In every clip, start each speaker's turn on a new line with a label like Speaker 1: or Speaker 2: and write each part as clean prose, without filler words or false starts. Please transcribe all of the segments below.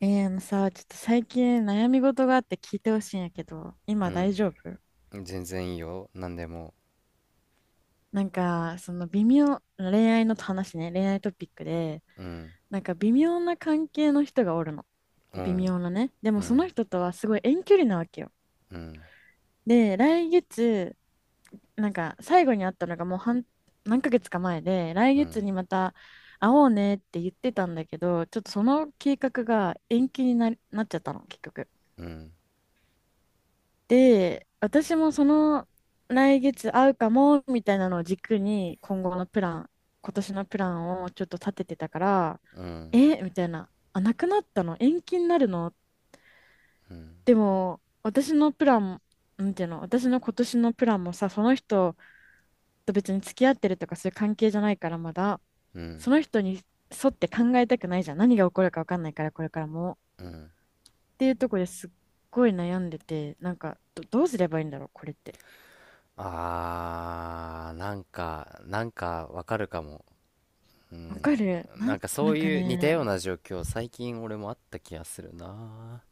Speaker 1: あのさ、ちょっと最近悩み事があって聞いてほしいんやけど、
Speaker 2: う
Speaker 1: 今大
Speaker 2: ん、
Speaker 1: 丈夫？
Speaker 2: 全然いいよ、なんでも。
Speaker 1: なんか、その微妙、恋愛の話ね、恋愛トピックで、
Speaker 2: うん、
Speaker 1: なんか微妙な関係の人がおるの。
Speaker 2: う
Speaker 1: 微
Speaker 2: ん、
Speaker 1: 妙なね。で
Speaker 2: う
Speaker 1: もそ
Speaker 2: ん、
Speaker 1: の人とはすごい遠距離なわけよ。
Speaker 2: うん、
Speaker 1: で、なんか最後に会ったのがもう何ヶ月か前で、来
Speaker 2: う
Speaker 1: 月
Speaker 2: ん、
Speaker 1: にまた会おうねって言ってたんだけど、ちょっとその計画が延期になっちゃったの、結局。
Speaker 2: うん、
Speaker 1: で、私もその来月会うかもみたいなのを軸に今年のプランをちょっと立ててたから、
Speaker 2: うん、
Speaker 1: えみたいな、あ、なくなったの延期になるの。
Speaker 2: うん、
Speaker 1: でも、私のプラン、なんていうの、私の今年のプランもさ、その人と別に付き合ってるとかそういう関係じゃないからまだ、
Speaker 2: うん。
Speaker 1: その人に沿って考えたくないじゃん。何が起こるか分かんないから、これからも。っていうところですっごい悩んでて、なんかどうすればいいんだろう、これって。
Speaker 2: あー、なんかわかるかも。
Speaker 1: わかる。
Speaker 2: なんかそ
Speaker 1: なん
Speaker 2: う
Speaker 1: か
Speaker 2: いう似たよう
Speaker 1: ね、
Speaker 2: な状況、最近俺もあった気がするな。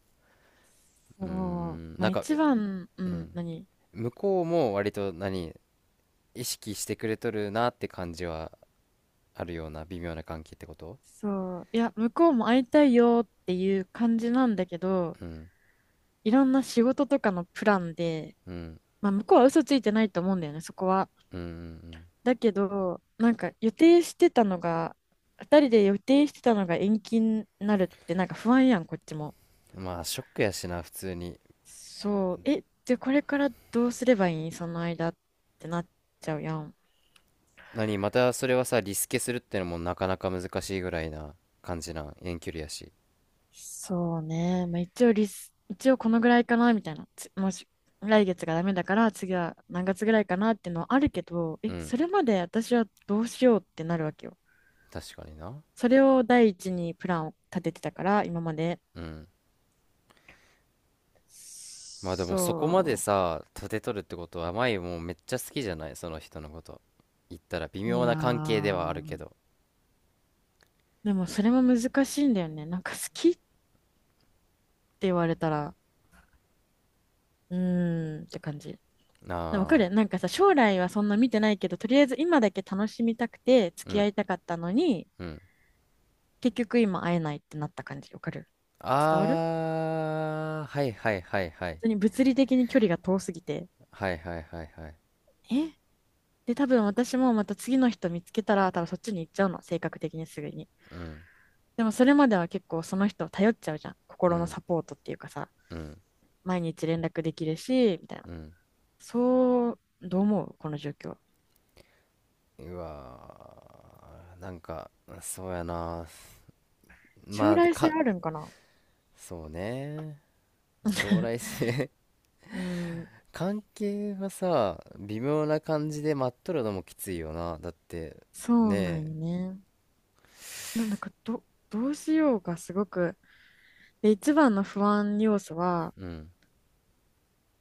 Speaker 2: うー
Speaker 1: そう、
Speaker 2: ん、
Speaker 1: ま
Speaker 2: な
Speaker 1: あ
Speaker 2: んか、
Speaker 1: 一
Speaker 2: え、
Speaker 1: 番、う
Speaker 2: う
Speaker 1: ん、
Speaker 2: ん。
Speaker 1: 何。
Speaker 2: 向こうも割と意識してくれとるなって感じはあるような、微妙な関係ってこと？
Speaker 1: そう、いや、向こうも会いたいよっていう感じなんだけど、
Speaker 2: うん、
Speaker 1: いろんな仕事とかのプランで、
Speaker 2: うん、
Speaker 1: まあ向こうは嘘ついてないと思うんだよね、そこは。
Speaker 2: うん、うん。
Speaker 1: だけど、なんか予定してたのが、二人で予定してたのが延期になるってなんか不安やん、こっちも。
Speaker 2: うん、まあ、ショックやしな、普通に。
Speaker 1: そう、じゃあこれからどうすればいいその間ってなっちゃうやん。
Speaker 2: 何、またそれはさ、リスケするってのもなかなか難しいぐらいな感じなん？遠距離やし。
Speaker 1: そうね。まあ、一応このぐらいかな、みたいな。もし、来月がダメだから、次は何月ぐらいかなっていうのはあるけど、
Speaker 2: うん。
Speaker 1: それまで私はどうしようってなるわけよ。
Speaker 2: 確かにな。
Speaker 1: それを第一にプランを立ててたから、今まで。
Speaker 2: うん。まあでもそこまで
Speaker 1: そ
Speaker 2: さ、立てとるってことは、舞もうめっちゃ好きじゃない、その人のこと？言ったら微
Speaker 1: う。
Speaker 2: 妙
Speaker 1: いや
Speaker 2: な関係ではあるけ
Speaker 1: ー。
Speaker 2: ど。
Speaker 1: でも、それも難しいんだよね。なんか好きって言われたら、うーんって感じ。でわか
Speaker 2: ああ、
Speaker 1: るなんかさ、将来はそんな見てないけど、とりあえず今だけ楽しみたくて付
Speaker 2: う
Speaker 1: き合
Speaker 2: ん、
Speaker 1: いたかったのに、
Speaker 2: うん。
Speaker 1: 結局今会えないってなった感じ、わかる？伝わる？本
Speaker 2: ああ、はいはいはいはい。
Speaker 1: 当に物理的に距離が遠すぎて。
Speaker 2: はいはいはいはい。
Speaker 1: えで、多分私もまた次の人見つけたら、多分そっちに行っちゃうの、性格的にすぐに。
Speaker 2: うん、
Speaker 1: でもそれまでは結構その人を頼っちゃうじゃん。
Speaker 2: う
Speaker 1: 心の
Speaker 2: ん、
Speaker 1: サポートっていうかさ、
Speaker 2: うん、
Speaker 1: 毎日連絡できるし、みたいな。
Speaker 2: うん。
Speaker 1: そう、どう思うこの状況？
Speaker 2: うわー、なんか、そうやな。ま
Speaker 1: 将
Speaker 2: あ、
Speaker 1: 来性あるんかな？
Speaker 2: そうね。将来 性。
Speaker 1: う ん、
Speaker 2: 関係はさ、微妙な感じで待っとるのもきついよな、だって。
Speaker 1: そうな
Speaker 2: ね
Speaker 1: ん
Speaker 2: え。
Speaker 1: よね。なんだかどうしようがすごく、で、一番の不安要素は、
Speaker 2: うん、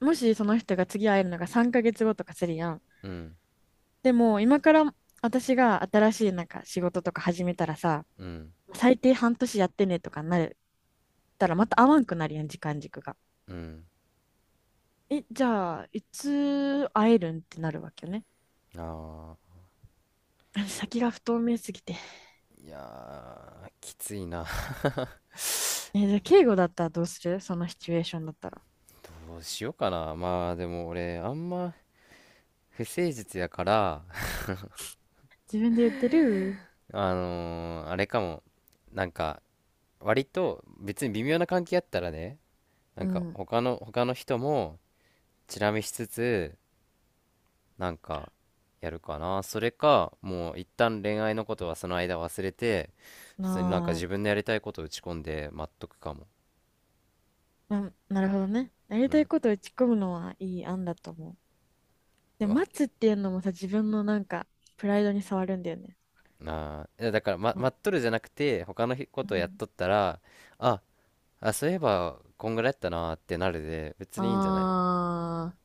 Speaker 1: もしその人が次会えるのが3ヶ月後とかするやん。
Speaker 2: うん、
Speaker 1: でも今から私が新しいなんか仕事とか始めたらさ、
Speaker 2: うん、
Speaker 1: 最低半年やってねとかなるったらまた会わんくなるやん、時間軸が。
Speaker 2: うん。
Speaker 1: じゃあ、いつ会えるんってなるわけよね。
Speaker 2: ああ、
Speaker 1: 先が不透明すぎて。
Speaker 2: いやー、きついな。
Speaker 1: じゃあ、敬語だったらどうするそのシチュエーションだったら。
Speaker 2: どうしようかな。まあでも俺あんま不誠実やから。
Speaker 1: 自分で言ってる。
Speaker 2: あれかも。なんか割と別に微妙な関係やったらね、な
Speaker 1: う
Speaker 2: んか
Speaker 1: ん。
Speaker 2: 他の人もチラ見しつつ、なんかやるかな。それか、もう一旦恋愛のことはその間忘れて、普通になんか
Speaker 1: ま
Speaker 2: 自分のやりたいことを打ち込んで待っとくかも。
Speaker 1: あ、なるほどね。やり
Speaker 2: う
Speaker 1: たい
Speaker 2: ん。
Speaker 1: ことを打ち込むのはいい案だと思う。
Speaker 2: う
Speaker 1: で、
Speaker 2: わ、
Speaker 1: 待つっていうのもさ、自分のなんか、プライドに触るんだよね。
Speaker 2: あー、いやだから、
Speaker 1: うん
Speaker 2: 待っとるじゃなくて他のこ
Speaker 1: う
Speaker 2: とをやっ
Speaker 1: ん、
Speaker 2: とったら、ああそういえばこんぐらいやったなーってなるで、別
Speaker 1: あ
Speaker 2: にいいんじゃない？
Speaker 1: ー、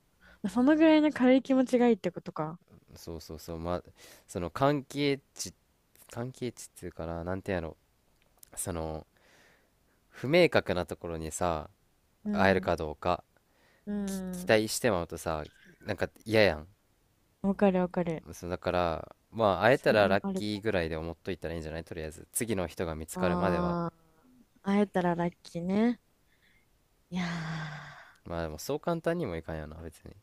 Speaker 1: まあ、そのぐらいの軽い気持ちがいいってことか。
Speaker 2: そうそうそう、ま、その関係値っていうかな、なんてやろ、その不明確なところにさ、
Speaker 1: う
Speaker 2: 会える
Speaker 1: ん、
Speaker 2: かどうか
Speaker 1: う
Speaker 2: 期
Speaker 1: ん。
Speaker 2: 待してまうとさ、なんか嫌やん。
Speaker 1: わかるわかる。
Speaker 2: そうだから、まあ会え
Speaker 1: そ
Speaker 2: た
Speaker 1: れ
Speaker 2: ら
Speaker 1: も
Speaker 2: ラッ
Speaker 1: あると
Speaker 2: キー
Speaker 1: 思
Speaker 2: ぐらいで思っといたらいいんじゃない？とりあえず次の人が見つ
Speaker 1: う。
Speaker 2: かるまでは。
Speaker 1: ああ、会えたらラッキーね。いや
Speaker 2: まあでもそう簡単にもいかんよな、別に。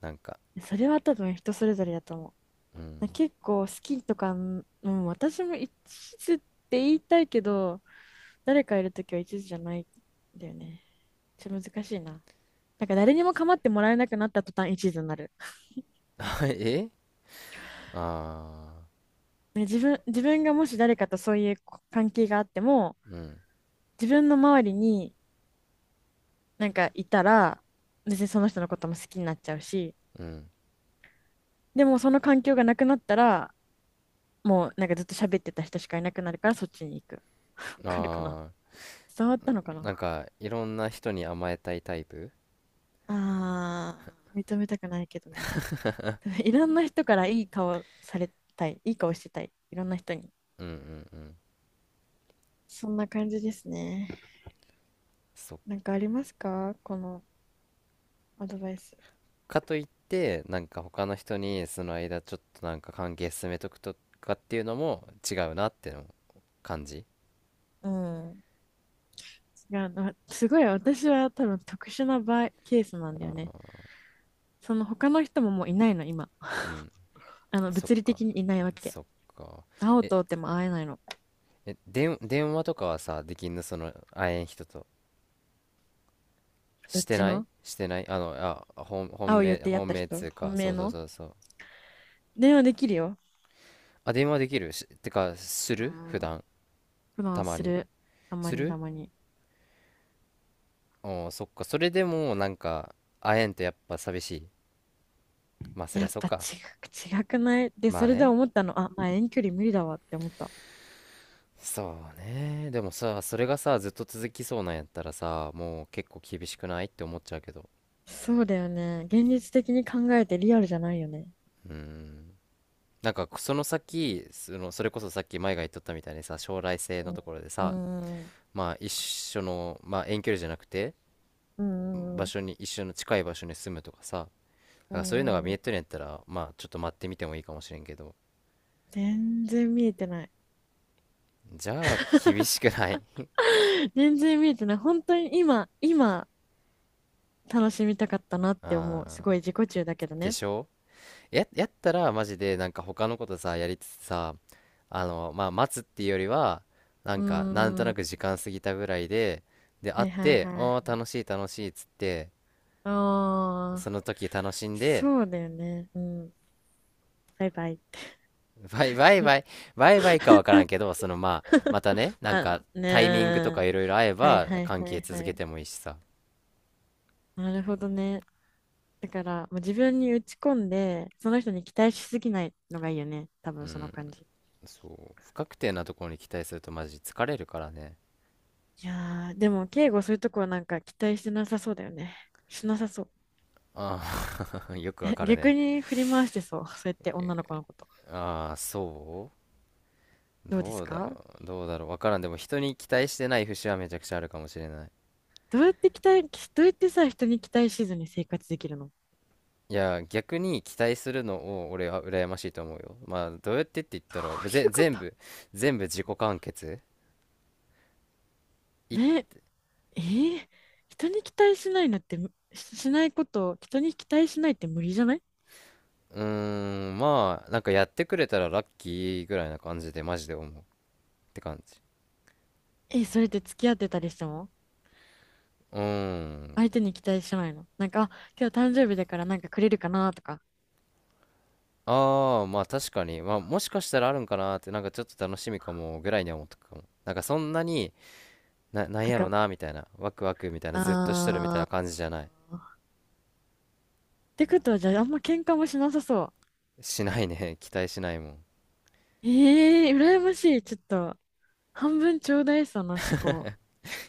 Speaker 2: なんか。
Speaker 1: ー、それは多分人それぞれだと思う。
Speaker 2: うん。
Speaker 1: 結構好きとか、うん、私も一途って言いたいけど、誰かいるときは一途じゃないんだよね。ちょっと難しいな。だから誰にも構ってもらえなくなった途端一途になる。
Speaker 2: え、あ
Speaker 1: ね、自分がもし誰かとそういう関係があっても、
Speaker 2: あー、うん、
Speaker 1: 自分の周りになんかいたら、別にその人のことも好きになっちゃうし、
Speaker 2: うん。
Speaker 1: でもその環境がなくなったら、もうなんかずっと喋ってた人しかいなくなるからそっちに行く。わかるかな？
Speaker 2: ああ、
Speaker 1: 伝わったのか
Speaker 2: なん
Speaker 1: な？
Speaker 2: かいろんな人に甘えたいタイプ？
Speaker 1: あー、認めたくないけどね。いろんな人からいい顔されたい。いい顔してたい。いろんな人に。
Speaker 2: うん、うん、うん。
Speaker 1: そんな感じですね。
Speaker 2: そっ
Speaker 1: なんかありますかこのアドバイス？
Speaker 2: か。といってなんか他の人にその間ちょっとなんか関係進めとくとかっていうのも違うなっての感じ。
Speaker 1: うん。が、なすごい私は多分特殊なケースなん
Speaker 2: あ
Speaker 1: だよね。
Speaker 2: ー、
Speaker 1: その他の人ももういないの、今。
Speaker 2: う ん。
Speaker 1: あの、
Speaker 2: そっ
Speaker 1: 物理
Speaker 2: か、
Speaker 1: 的にいないわけ。
Speaker 2: そっか。
Speaker 1: 会おう
Speaker 2: え
Speaker 1: と思っても会えないの。
Speaker 2: え、電話とかはさ、できんの、その、会えん人と？
Speaker 1: どっ
Speaker 2: して
Speaker 1: ち
Speaker 2: ない、
Speaker 1: の？
Speaker 2: してない、本、
Speaker 1: 会
Speaker 2: 本
Speaker 1: う予
Speaker 2: 命、
Speaker 1: 定やっ
Speaker 2: 本
Speaker 1: た
Speaker 2: 命つ
Speaker 1: 人？
Speaker 2: うか、
Speaker 1: 本
Speaker 2: そ
Speaker 1: 命
Speaker 2: うそう
Speaker 1: の？
Speaker 2: そうそう。
Speaker 1: 電話できるよ。
Speaker 2: あ、電話できる、してか、す
Speaker 1: う
Speaker 2: る普
Speaker 1: ん。
Speaker 2: 段、
Speaker 1: 普
Speaker 2: た
Speaker 1: 段
Speaker 2: ま
Speaker 1: す
Speaker 2: に。
Speaker 1: る。たま
Speaker 2: す
Speaker 1: にた
Speaker 2: る。
Speaker 1: まに。
Speaker 2: おー、そっか。それでも、なんか、会えんとやっぱ寂しい。まあ、そり
Speaker 1: や
Speaker 2: ゃ
Speaker 1: っ
Speaker 2: そっ
Speaker 1: ぱ
Speaker 2: か。
Speaker 1: く、違くないで、
Speaker 2: まあ
Speaker 1: それで
Speaker 2: ね。
Speaker 1: 思ったの。あ、まあ遠距離無理だわって思った。
Speaker 2: そうね。でもさ、それがさ、ずっと続きそうなんやったらさ、もう結構厳しくないって思っちゃうけど。
Speaker 1: そうだよね。現実的に考えてリアルじゃないよね。
Speaker 2: うーん。なんか、その先、それこそさっき前が言っとったみたいにさ、将来性のところで
Speaker 1: う
Speaker 2: さ、
Speaker 1: ん。うん。
Speaker 2: まあ一緒の、まあ、遠距離じゃなくて
Speaker 1: うん。うん。
Speaker 2: 場
Speaker 1: うん。
Speaker 2: 所に、一緒の近い場所に住むとかさ、だ
Speaker 1: う
Speaker 2: からそういうのが
Speaker 1: んう
Speaker 2: 見え
Speaker 1: ん、
Speaker 2: とるんやったら、まあちょっと待ってみてもいいかもしれんけど。
Speaker 1: 全然見えてない。
Speaker 2: じゃあ厳しくない？
Speaker 1: 全然見えてない。本当に今、楽しみたかった なって思う。す
Speaker 2: あ
Speaker 1: ごい自己中だけど
Speaker 2: ー、で
Speaker 1: ね。
Speaker 2: しょ。やったらマジでなんか他のことさやりつつさ、あのまあ待つっていうよりは、な
Speaker 1: う
Speaker 2: ん
Speaker 1: ー
Speaker 2: かなんと
Speaker 1: ん。
Speaker 2: な
Speaker 1: は
Speaker 2: く時間過ぎたぐらいで、で会っ
Speaker 1: いはい
Speaker 2: て
Speaker 1: は
Speaker 2: 「ああー、
Speaker 1: い。
Speaker 2: 楽しい楽しい」っつって、
Speaker 1: あ
Speaker 2: そ
Speaker 1: あ、
Speaker 2: の時楽しんで、
Speaker 1: そうだよね。うん。バイバイ。
Speaker 2: ワイワイワイ、ワイワイかわからんけど、そのまあ、またね、なん
Speaker 1: ま
Speaker 2: か
Speaker 1: あ
Speaker 2: タイミングと
Speaker 1: ね
Speaker 2: か
Speaker 1: ー。
Speaker 2: いろいろ合え
Speaker 1: はい
Speaker 2: ば
Speaker 1: はい
Speaker 2: 関
Speaker 1: は
Speaker 2: 係
Speaker 1: いは
Speaker 2: 続け
Speaker 1: い。
Speaker 2: てもいいしさ。
Speaker 1: なるほどね。だから、もう自分に打ち込んで、その人に期待しすぎないのがいいよね。多
Speaker 2: う
Speaker 1: 分その
Speaker 2: ん、
Speaker 1: 感じ。
Speaker 2: そう。不確定なところに期待するとマジ疲れるからね。
Speaker 1: いやー、でも、敬語そういうとこはなんか期待してなさそうだよね。しなさそう。
Speaker 2: ああ。 よくわ かる
Speaker 1: 逆
Speaker 2: ね。
Speaker 1: に振り回してそう。そうやって女の子のこと。
Speaker 2: ああ、そう、
Speaker 1: どうで
Speaker 2: ど
Speaker 1: す
Speaker 2: うだ
Speaker 1: か？
Speaker 2: ろう。どうだろう。わからん。でも人に期待してない節はめちゃくちゃあるかもしれない。
Speaker 1: どうやってさ、人に期待しずに生活できるの？
Speaker 2: いや、逆に期待するのを俺は羨ましいと思うよ。まあ、どうやってって言っ
Speaker 1: こ
Speaker 2: たら、
Speaker 1: ういうこ
Speaker 2: 全
Speaker 1: と。
Speaker 2: 部、全部自己完結。
Speaker 1: ね。えー、人に期待しないのってしないこと、を人に期待しないって無理じゃない？
Speaker 2: うーん、まあ、なんかやってくれたらラッキーぐらいな感じで、マジで思うって感じ。
Speaker 1: それって付き合ってたりしても
Speaker 2: うーん。
Speaker 1: 相手に期待しないのなんか、あ、今日誕生日だからなんかくれるかなとか。
Speaker 2: ああ、まあ確かに、まあもしかしたらあるんかなって、なんかちょっと楽しみかもぐらいには思ったかも。なんかそんなに、な、なん
Speaker 1: なん
Speaker 2: やろ
Speaker 1: か、
Speaker 2: な、みたいな、ワクワクみたいな、
Speaker 1: あ
Speaker 2: ずっとしとるみたいな感じじゃない。
Speaker 1: ーてことは、じゃあ、あんま喧嘩もしなさそ
Speaker 2: しないね。期待しないもん。
Speaker 1: う。ええー、羨ましい。ちょっと、半分ちょうだい、その思考。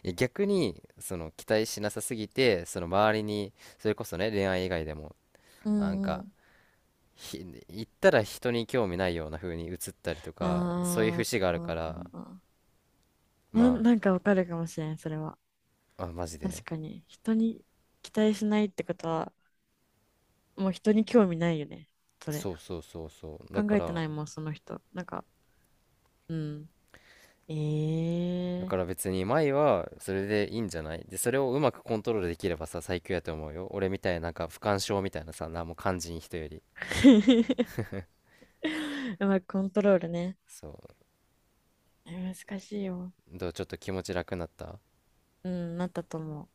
Speaker 2: いや逆に、その期待しなさすぎて、その周りに、それこそね、恋愛以外でも、
Speaker 1: う
Speaker 2: なん
Speaker 1: んう
Speaker 2: か、
Speaker 1: ん。
Speaker 2: 言ったら人に興味ないような風に映ったりとか、そういう
Speaker 1: あ
Speaker 2: 節があるから。
Speaker 1: ー
Speaker 2: ま
Speaker 1: なんかわかるかもしれん、それは。
Speaker 2: あ、あマジ
Speaker 1: 確
Speaker 2: で。
Speaker 1: かに。人に期待しないってことは、もう人に興味ないよね。それ。
Speaker 2: そうそうそうそう、だ
Speaker 1: 考
Speaker 2: か
Speaker 1: えて
Speaker 2: ら
Speaker 1: ないもん、その人。なんか、う
Speaker 2: だ
Speaker 1: ん。え
Speaker 2: か
Speaker 1: え
Speaker 2: ら別に前はそれでいいんじゃない？で、それをうまくコントロールできればさ、最強やと思うよ。俺みたいな、なんか不干渉みたいなさ、何も肝心、人より。
Speaker 1: ー。うまくコントロールね。
Speaker 2: そ
Speaker 1: 難しいよ。
Speaker 2: う、どう、ちょっと気持ち楽になった？
Speaker 1: うん、なったと思う。